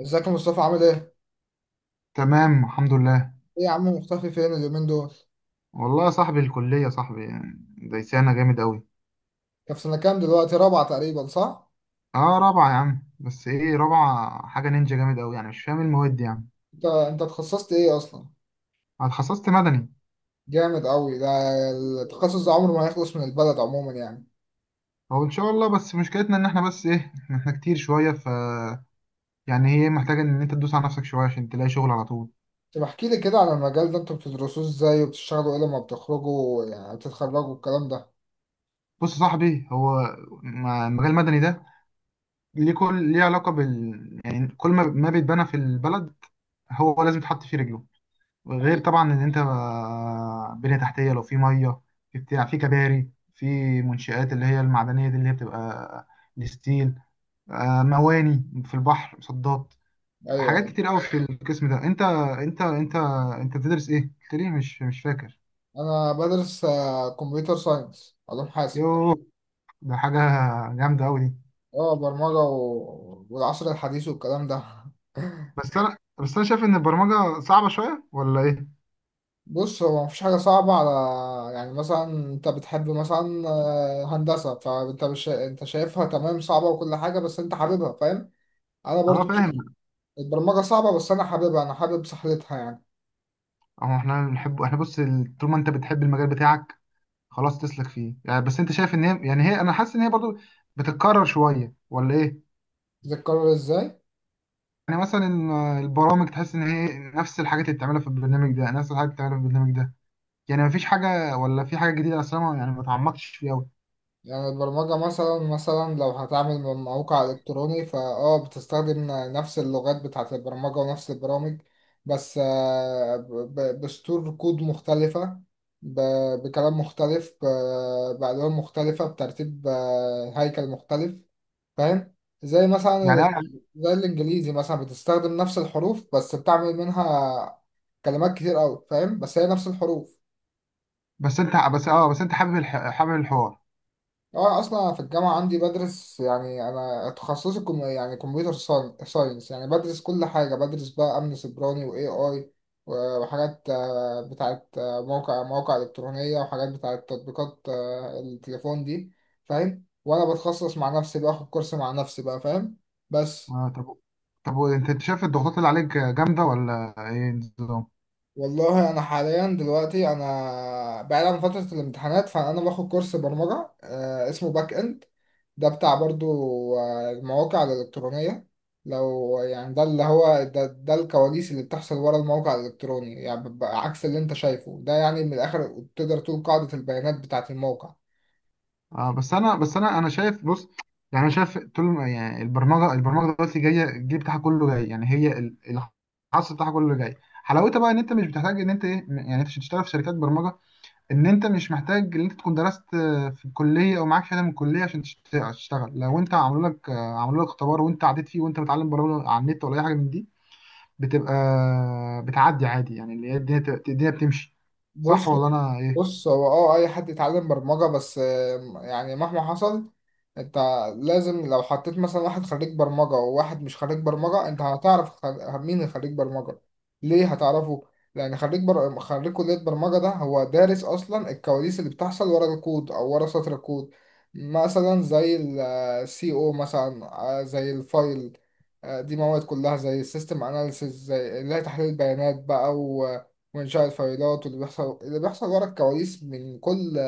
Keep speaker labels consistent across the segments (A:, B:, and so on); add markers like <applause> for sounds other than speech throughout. A: ازيك يا مصطفى عامل ايه؟
B: تمام، الحمد لله.
A: ايه يا عم مختفي فين اليومين دول؟
B: والله يا صاحبي، الكلية يا صاحبي دايسانا جامد أوي.
A: انت في سنة كام دلوقتي؟ رابعة تقريبا صح؟
B: اه، رابعة يا عم. بس ايه، رابعة حاجة نينجا جامد أوي، يعني مش فاهم إيه المواد دي يعني.
A: انت اتخصصت ايه اصلا؟
B: أنا اتخصصت مدني.
A: جامد قوي ده. التخصص ده عمره ما يخلص من البلد عموما يعني.
B: هو إن شاء الله، بس مشكلتنا إن احنا بس ايه احنا كتير شوية ف، يعني هي محتاجة إن أنت تدوس على نفسك شوية عشان تلاقي شغل على طول.
A: طب احكي لي كده عن المجال ده انتوا بتدرسوه ازاي وبتشتغلوا ايه لما بتخرجوا يعني بتتخرجوا الكلام ده.
B: بص يا صاحبي، هو مجال المدني ده ليه علاقة بال، يعني كل ما بيتبنى في البلد هو لازم تحط فيه رجله. غير
A: ايوه
B: طبعا ان انت بنية تحتية، لو في ميه، في بتاع، في كباري، في منشآت اللي هي المعدنية دي، اللي هي بتبقى الستيل، مواني في البحر، مصدات.
A: ايوه
B: حاجات
A: ايوه.
B: كتير قوي في القسم ده. انت انت بتدرس ايه؟ قلت لي مش فاكر.
A: انا بدرس كمبيوتر ساينس علوم حاسب.
B: يوه، ده حاجة جامدة قوي دي.
A: اه برمجة والعصر الحديث والكلام ده <laughs>
B: بس انا شايف ان البرمجة صعبة شوية ولا ايه؟
A: بص هو مفيش حاجة صعبة على. يعني مثلا انت بتحب مثلا هندسة فانت مش انت شايفها تمام صعبة وكل حاجة بس انت حاببها فاهم. انا
B: اه
A: برضو
B: فاهم.
A: البرمجة صعبة بس انا حاببها انا حابب سحلتها يعني.
B: اه، احنا بنحب، احنا بص طول ما انت بتحب المجال بتاعك خلاص تسلك فيه يعني. بس انت شايف ان هي، يعني هي، انا حاسس ان هي برضو بتتكرر شويه ولا ايه؟
A: تتكرر ازاي.
B: يعني مثلا البرامج، تحس ان هي نفس الحاجات اللي بتعملها في البرنامج ده، نفس الحاجات اللي بتعملها في البرنامج ده. يعني مفيش حاجه ولا في حاجه جديده اصلا، يعني ما اتعمقتش فيها قوي.
A: يعني البرمجة مثلا لو هتعمل موقع إلكتروني فأه بتستخدم نفس اللغات بتاعة البرمجة ونفس البرامج بس بسطور كود مختلفة، بكلام مختلف، بألوان مختلفة، بترتيب هيكل مختلف فاهم. زي مثلا
B: يعني انا،
A: زي الإنجليزي مثلا بتستخدم نفس الحروف بس بتعمل منها كلمات كتير أوي فاهم بس هي نفس الحروف.
B: بس انت حابب حابب الحوار.
A: اه اصلا في الجامعه عندي بدرس يعني انا تخصصي كم يعني كمبيوتر ساينس يعني بدرس كل حاجه بدرس بقى امن سيبراني واي اي، وحاجات بتاعت مواقع الكترونيه وحاجات بتاعت تطبيقات التليفون دي. فاهم وانا بتخصص مع نفسي باخد كورس مع نفسي بقى فاهم بس.
B: آه طب، طب انت شايف الضغوطات اللي عليك جامده ولا ايه النظام؟
A: والله انا حاليا دلوقتي انا بعيد عن فتره الامتحانات فانا باخد كورس برمجه اسمه باك اند، ده بتاع برضو المواقع الالكترونيه. لو يعني ده اللي هو ده الكواليس اللي بتحصل ورا الموقع الالكتروني يعني بيبقى عكس اللي انت شايفه ده، يعني من الاخر تقدر تقول قاعده البيانات بتاعه الموقع.
B: اه، بس انا شايف بص. يعني انا شايف، طول ما- يعني البرمجه دلوقتي جايه، الجيل بتاعها كله جاي. يعني هي الحصر بتاعها كله جاي. حلاوتها بقى ان انت مش بتحتاج ان انت ايه، يعني انت عشان تشتغل في شركات برمجه، ان انت مش محتاج ان انت تكون درست في الكليه او معاك شهاده من الكليه عشان تشتغل. لو انت عملوا لك اختبار وانت عديت فيه وانت متعلم برمجه على النت ولا اي حاجه من دي، بتبقى بتعدي عادي. يعني اللي هي الدنيا، الدنيا بتمشي، صح
A: بص
B: ولا انا ايه؟
A: بص هو اه اي حد يتعلم برمجة بس يعني مهما حصل انت لازم. لو حطيت مثلا واحد خريج برمجة وواحد مش خريج برمجة انت هتعرف مين خريج برمجة. ليه هتعرفه. لان خريج كلية برمجة ده هو دارس اصلا الكواليس اللي بتحصل ورا الكود او ورا سطر الكود، مثلا زي السي او مثلا زي الفايل. دي مواد كلها زي السيستم اناليسيس، زي اللي هي تحليل البيانات بقى وإنشاء الفايلات، واللي بيحصل اللي بيحصل ورا الكواليس من كل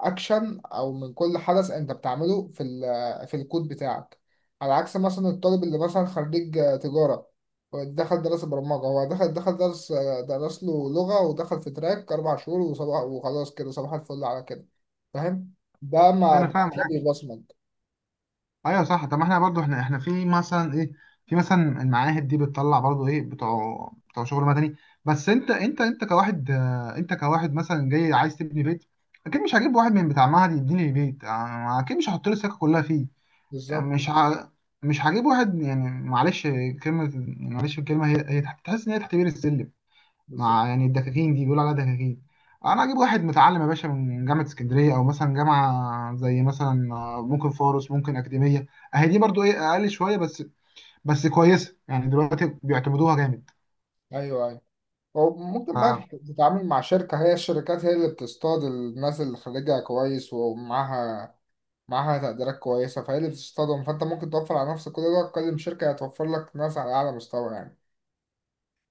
A: أكشن، أو من كل حدث أنت بتعمله في الكود بتاعك. على عكس مثلا الطالب اللي مثلا خريج تجارة دخل درس برمجة، هو دخل درس له لغة ودخل في تراك أربع شهور وصباح، وخلاص كده صباح الفل على كده. فاهم؟ ده ما
B: انا
A: ده
B: فاهم.
A: كده بيبصمج.
B: ايوه صح. طب ما احنا برضو، احنا في مثلا ايه، في مثلا المعاهد دي بتطلع برضو ايه، بتوع شغل مدني. بس انت كواحد، انت كواحد مثلا جاي عايز تبني بيت، اكيد مش هجيب واحد من بتاع معهد يبني لي بيت. اكيد مش هحط له السكه كلها فيه. يعني
A: بالظبط
B: مش هجيب واحد يعني، معلش كلمه، معلش الكلمه هي، تحس ان هي تحت بير السلم
A: بالظبط.
B: مع، يعني الدكاكين دي بيقولوا عليها دكاكين. انا اجيب واحد متعلم يا باشا من جامعه اسكندريه، او مثلا جامعه زي مثلا ممكن فاروس، ممكن اكاديميه. اهي دي برضو ايه، اقل شويه بس، بس كويسه. يعني دلوقتي بيعتمدوها جامد.
A: أيوه أيوه. وممكن بقى تتعامل مع شركة، هي الشركات هي اللي بتصطاد الناس اللي خريجها كويس ومعاها معاها تقديرات كويسة، فهي اللي بتصطدم، فأنت ممكن توفر على نفسك كل ده، تكلم شركة هتوفر لك ناس على أعلى مستوى يعني.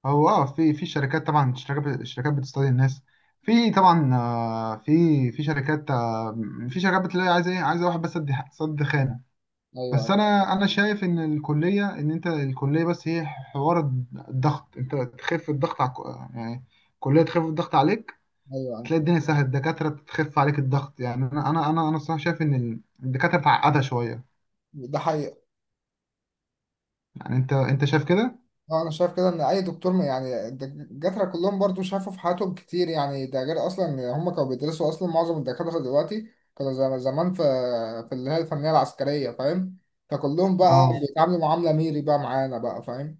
B: هو اه، في شركات. طبعا الشركات بتستضي الناس. في طبعا في شركات في شركات بتلاقي عايزه ايه، عايزه واحد بس، سد سد خام.
A: أيوه
B: بس
A: أيوه
B: انا شايف ان الكليه، ان انت الكليه بس هي حوار. الضغط، انت تخف الضغط على، يعني الكليه تخف الضغط عليك.
A: أيوه أيوة.
B: تلاقي الدنيا سهله، الدكاتره تخف عليك الضغط. يعني انا الصراحه شايف ان الدكاتره تعقدها شويه.
A: ده حقيقة.
B: يعني انت شايف كده.
A: أنا شايف كده إن أي دكتور يعني الدكاترة كلهم برضو شافوا في حياتهم كتير يعني، ده غير أصلا إن هم كانوا بيدرسوا أصلا، معظم الدكاترة دلوقتي كانوا زمان في اللي هي الفنية العسكرية فاهم، فكلهم بقى
B: اه
A: بيتعاملوا معاملة ميري بقى معانا بقى فاهم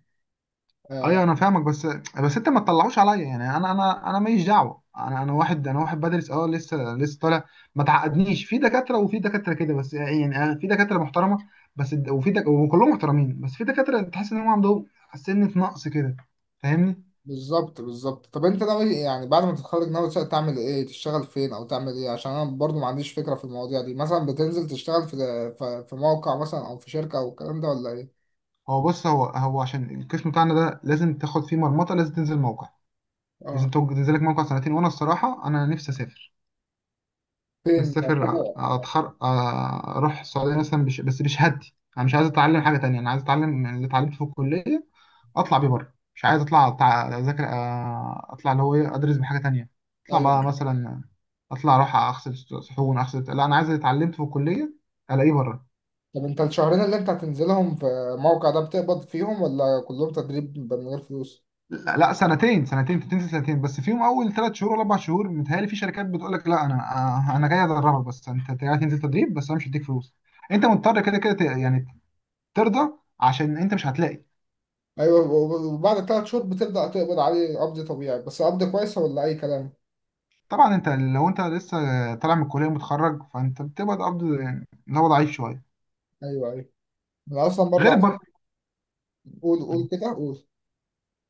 B: ايوه،
A: آه،
B: انا فاهمك. بس، بس انت ما تطلعوش عليا، يعني انا ماليش دعوه، انا واحد بدرس اه، لسه طالع. ما تعقدنيش في دكاتره وفي دكاتره كده بس. يعني أنا في دكاتره محترمه، بس الد- وفي دك... وكلهم محترمين، بس في دكاتره تحس ان هم عندهم سنه نقص كده. فاهمني؟
A: بالظبط بالظبط. طب انت ناوي يعني بعد ما تتخرج ناوي تعمل ايه، تشتغل فين او تعمل ايه، عشان انا برضو ما عنديش فكرة في المواضيع دي، مثلا بتنزل تشتغل في موقع مثلا او في شركة او الكلام ده ولا ايه.
B: هو بص، هو عشان القسم بتاعنا ده لازم تاخد فيه مرمطه. لازم تنزل موقع، لازم
A: اه
B: تنزل لك موقع سنتين. وانا الصراحه انا نفسي اسافر.
A: فين.
B: نسافر، أروح السعودية مثلا، بس بشهادتي. أنا مش عايز أتعلم حاجة تانية، أنا عايز أتعلم يعني اللي اتعلمته في الكلية أطلع بيه بره. مش عايز أطلع أذاكر، أطلع اللي هو إيه، أدرس بحاجة تانية أطلع بقى
A: ايوه.
B: مثلا، أطلع أروح أغسل صحون، أغسل. لا، أنا عايز اللي اتعلمته في الكلية ألاقيه بره.
A: طب انت الشهرين اللي انت هتنزلهم في الموقع ده بتقبض فيهم ولا كلهم تدريب من غير فلوس.
B: لا سنتين. سنتين تنسى. سنتين بس فيهم أول 3 شهور ولا 4 شهور متهيألي، في شركات بتقول لك لا، أنا أنا جاي أدربك. بس أنت جاي تنزل تدريب بس، أنا مش هديك فلوس. انت مضطر كده يعني ترضى عشان انت مش هتلاقي.
A: ايوه، وبعد ثلاث شهور بتبدأ تقبض عليه، قبض طبيعي بس قبض كويس ولا اي كلام.
B: طبعا انت لو انت لسه طالع من الكليه متخرج، فانت بتبقى قبض يعني اللي هو ضعيف شويه.
A: ايوه ايوه. انا اصلا برضو
B: غير
A: عايز.
B: البر...
A: قول قول كده قول.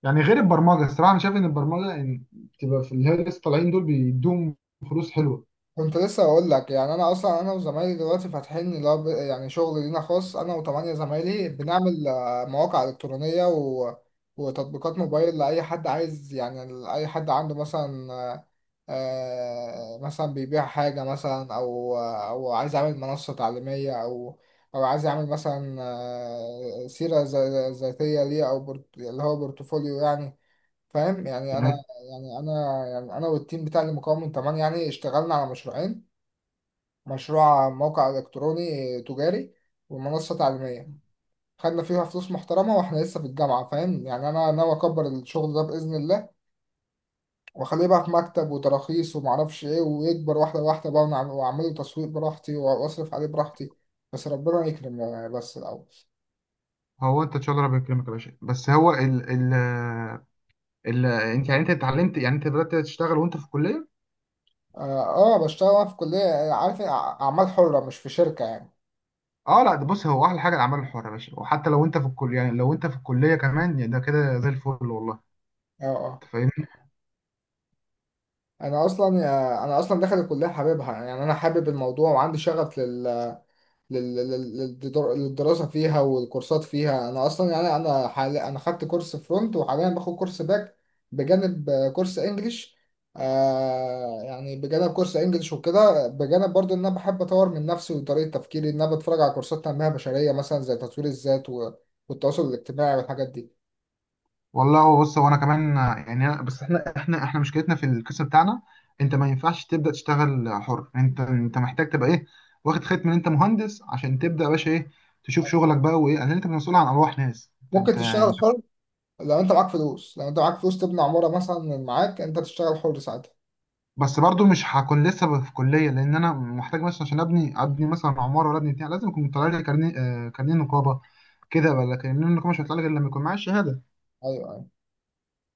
B: يعني غير البرمجه. الصراحه انا شايف ان البرمجه، يعني بتبقى في اللي هي لسه طالعين دول، بيدوهم فلوس حلوه.
A: كنت لسه اقول لك، يعني انا اصلا انا وزمايلي دلوقتي فاتحين اللي هو يعني شغل لينا خاص، انا وثمانية زمايلي بنعمل مواقع الكترونيه وتطبيقات موبايل لاي حد عايز، يعني لاي حد عنده مثلا مثلا بيبيع حاجه مثلا، او عايز يعمل منصه تعليميه، او عايز يعمل مثلا سيره ذاتيه ليه، او اللي هو بورتفوليو يعني. فاهم؟
B: يعني
A: يعني انا يعني انا والتيم بتاع المكون من 8 يعني اشتغلنا على مشروعين، مشروع موقع إلكتروني تجاري، ومنصة تعليمية. خدنا فيها فلوس محترمة وإحنا لسه في الجامعة، فاهم؟ يعني أنا ناوي أكبر الشغل ده بإذن الله، وأخليه بقى في مكتب وتراخيص ومعرفش إيه، ويكبر واحدة واحدة بقى، ونعم- وأعمله تسويق براحتي وأصرف عليه براحتي، بس ربنا يكرم يعني، بس الأول.
B: هو انت ان شاء الله ربنا يكرمك يا باشا. بس هو ال ال ال انت، يعني انت اتعلمت، يعني انت بدات تشتغل وانت في الكليه.
A: بشتغل أنا في كلية عارف إيه؟ أعمال حرة، مش في شركة يعني.
B: اه لا، ده بص، هو احلى حاجه الاعمال الحره يا باشا، وحتى لو انت في الكليه. يعني لو انت في الكليه كمان يعني ده كده زي الفل والله.
A: آه آه.
B: انت فاهمني؟
A: أنا أصلا داخل الكلية حاببها، يعني أنا حابب الموضوع وعندي شغف للدراسة فيها والكورسات فيها، أنا أصلا يعني أنا خدت كورس فرونت وحاليا باخد كورس باك، بجانب كورس إنجليش. يعني بجانب كورس إنجليش وكده، بجانب برضو إن أنا بحب أطور من نفسي وطريقة تفكيري، إن أنا بتفرج على كورسات تنمية بشرية، مثلا زي تطوير الذات والتواصل الاجتماعي والحاجات دي.
B: والله هو بص هو، انا كمان، يعني بس احنا، احنا مشكلتنا في القسم بتاعنا انت ما ينفعش تبدا تشتغل حر. انت محتاج تبقى ايه، واخد ختم ان انت مهندس عشان تبدا يا باشا، ايه، تشوف شغلك بقى. وايه، لان انت مسؤول عن ارواح ناس.
A: ممكن تشتغل
B: أنت-
A: حر، لو أنت معاك فلوس تبني عمارة مثلا، من معاك أنت تشتغل حر ساعتها.
B: بس برضو مش هكون لسه في كليه. لان انا محتاج مثلا عشان ابني مثلا عماره ولا ابني بتاع لازم يكون طالع لي كارنيه، كارنيه نقابه كده. ولا كارنيه النقابه مش هيطلع لي غير لما يكون معايا الشهاده.
A: أيوه أيوه.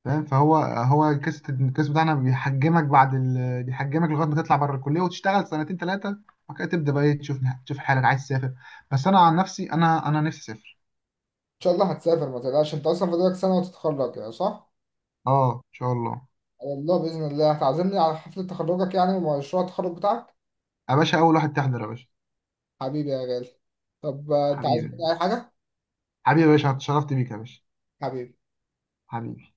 B: فاهم؟ فهو الكاس بتاعنا بيحجمك، بيحجمك لغايه ما تطلع بره الكليه وتشتغل سنتين ثلاثه. وبعد كده تبدا بقى إيه، تشوف. تشوف حالك عايز تسافر. بس انا عن نفسي انا نفسي اسافر.
A: إن شاء الله هتسافر، ما تقلقش، أنت أصلا فاضلك سنة وتتخرج يعني، صح؟
B: اه ان شاء الله.
A: على الله بإذن الله هتعزمني على حفلة تخرجك يعني، ومشروع التخرج بتاعك.
B: يا باشا اول واحد تحضر يا باشا.
A: حبيبي يا غالي. طب أنت عايز
B: حبيبي.
A: مني أي حاجة؟
B: حبيبي يا باشا، اتشرفت بيك يا باشا.
A: حبيبي
B: حبيبي.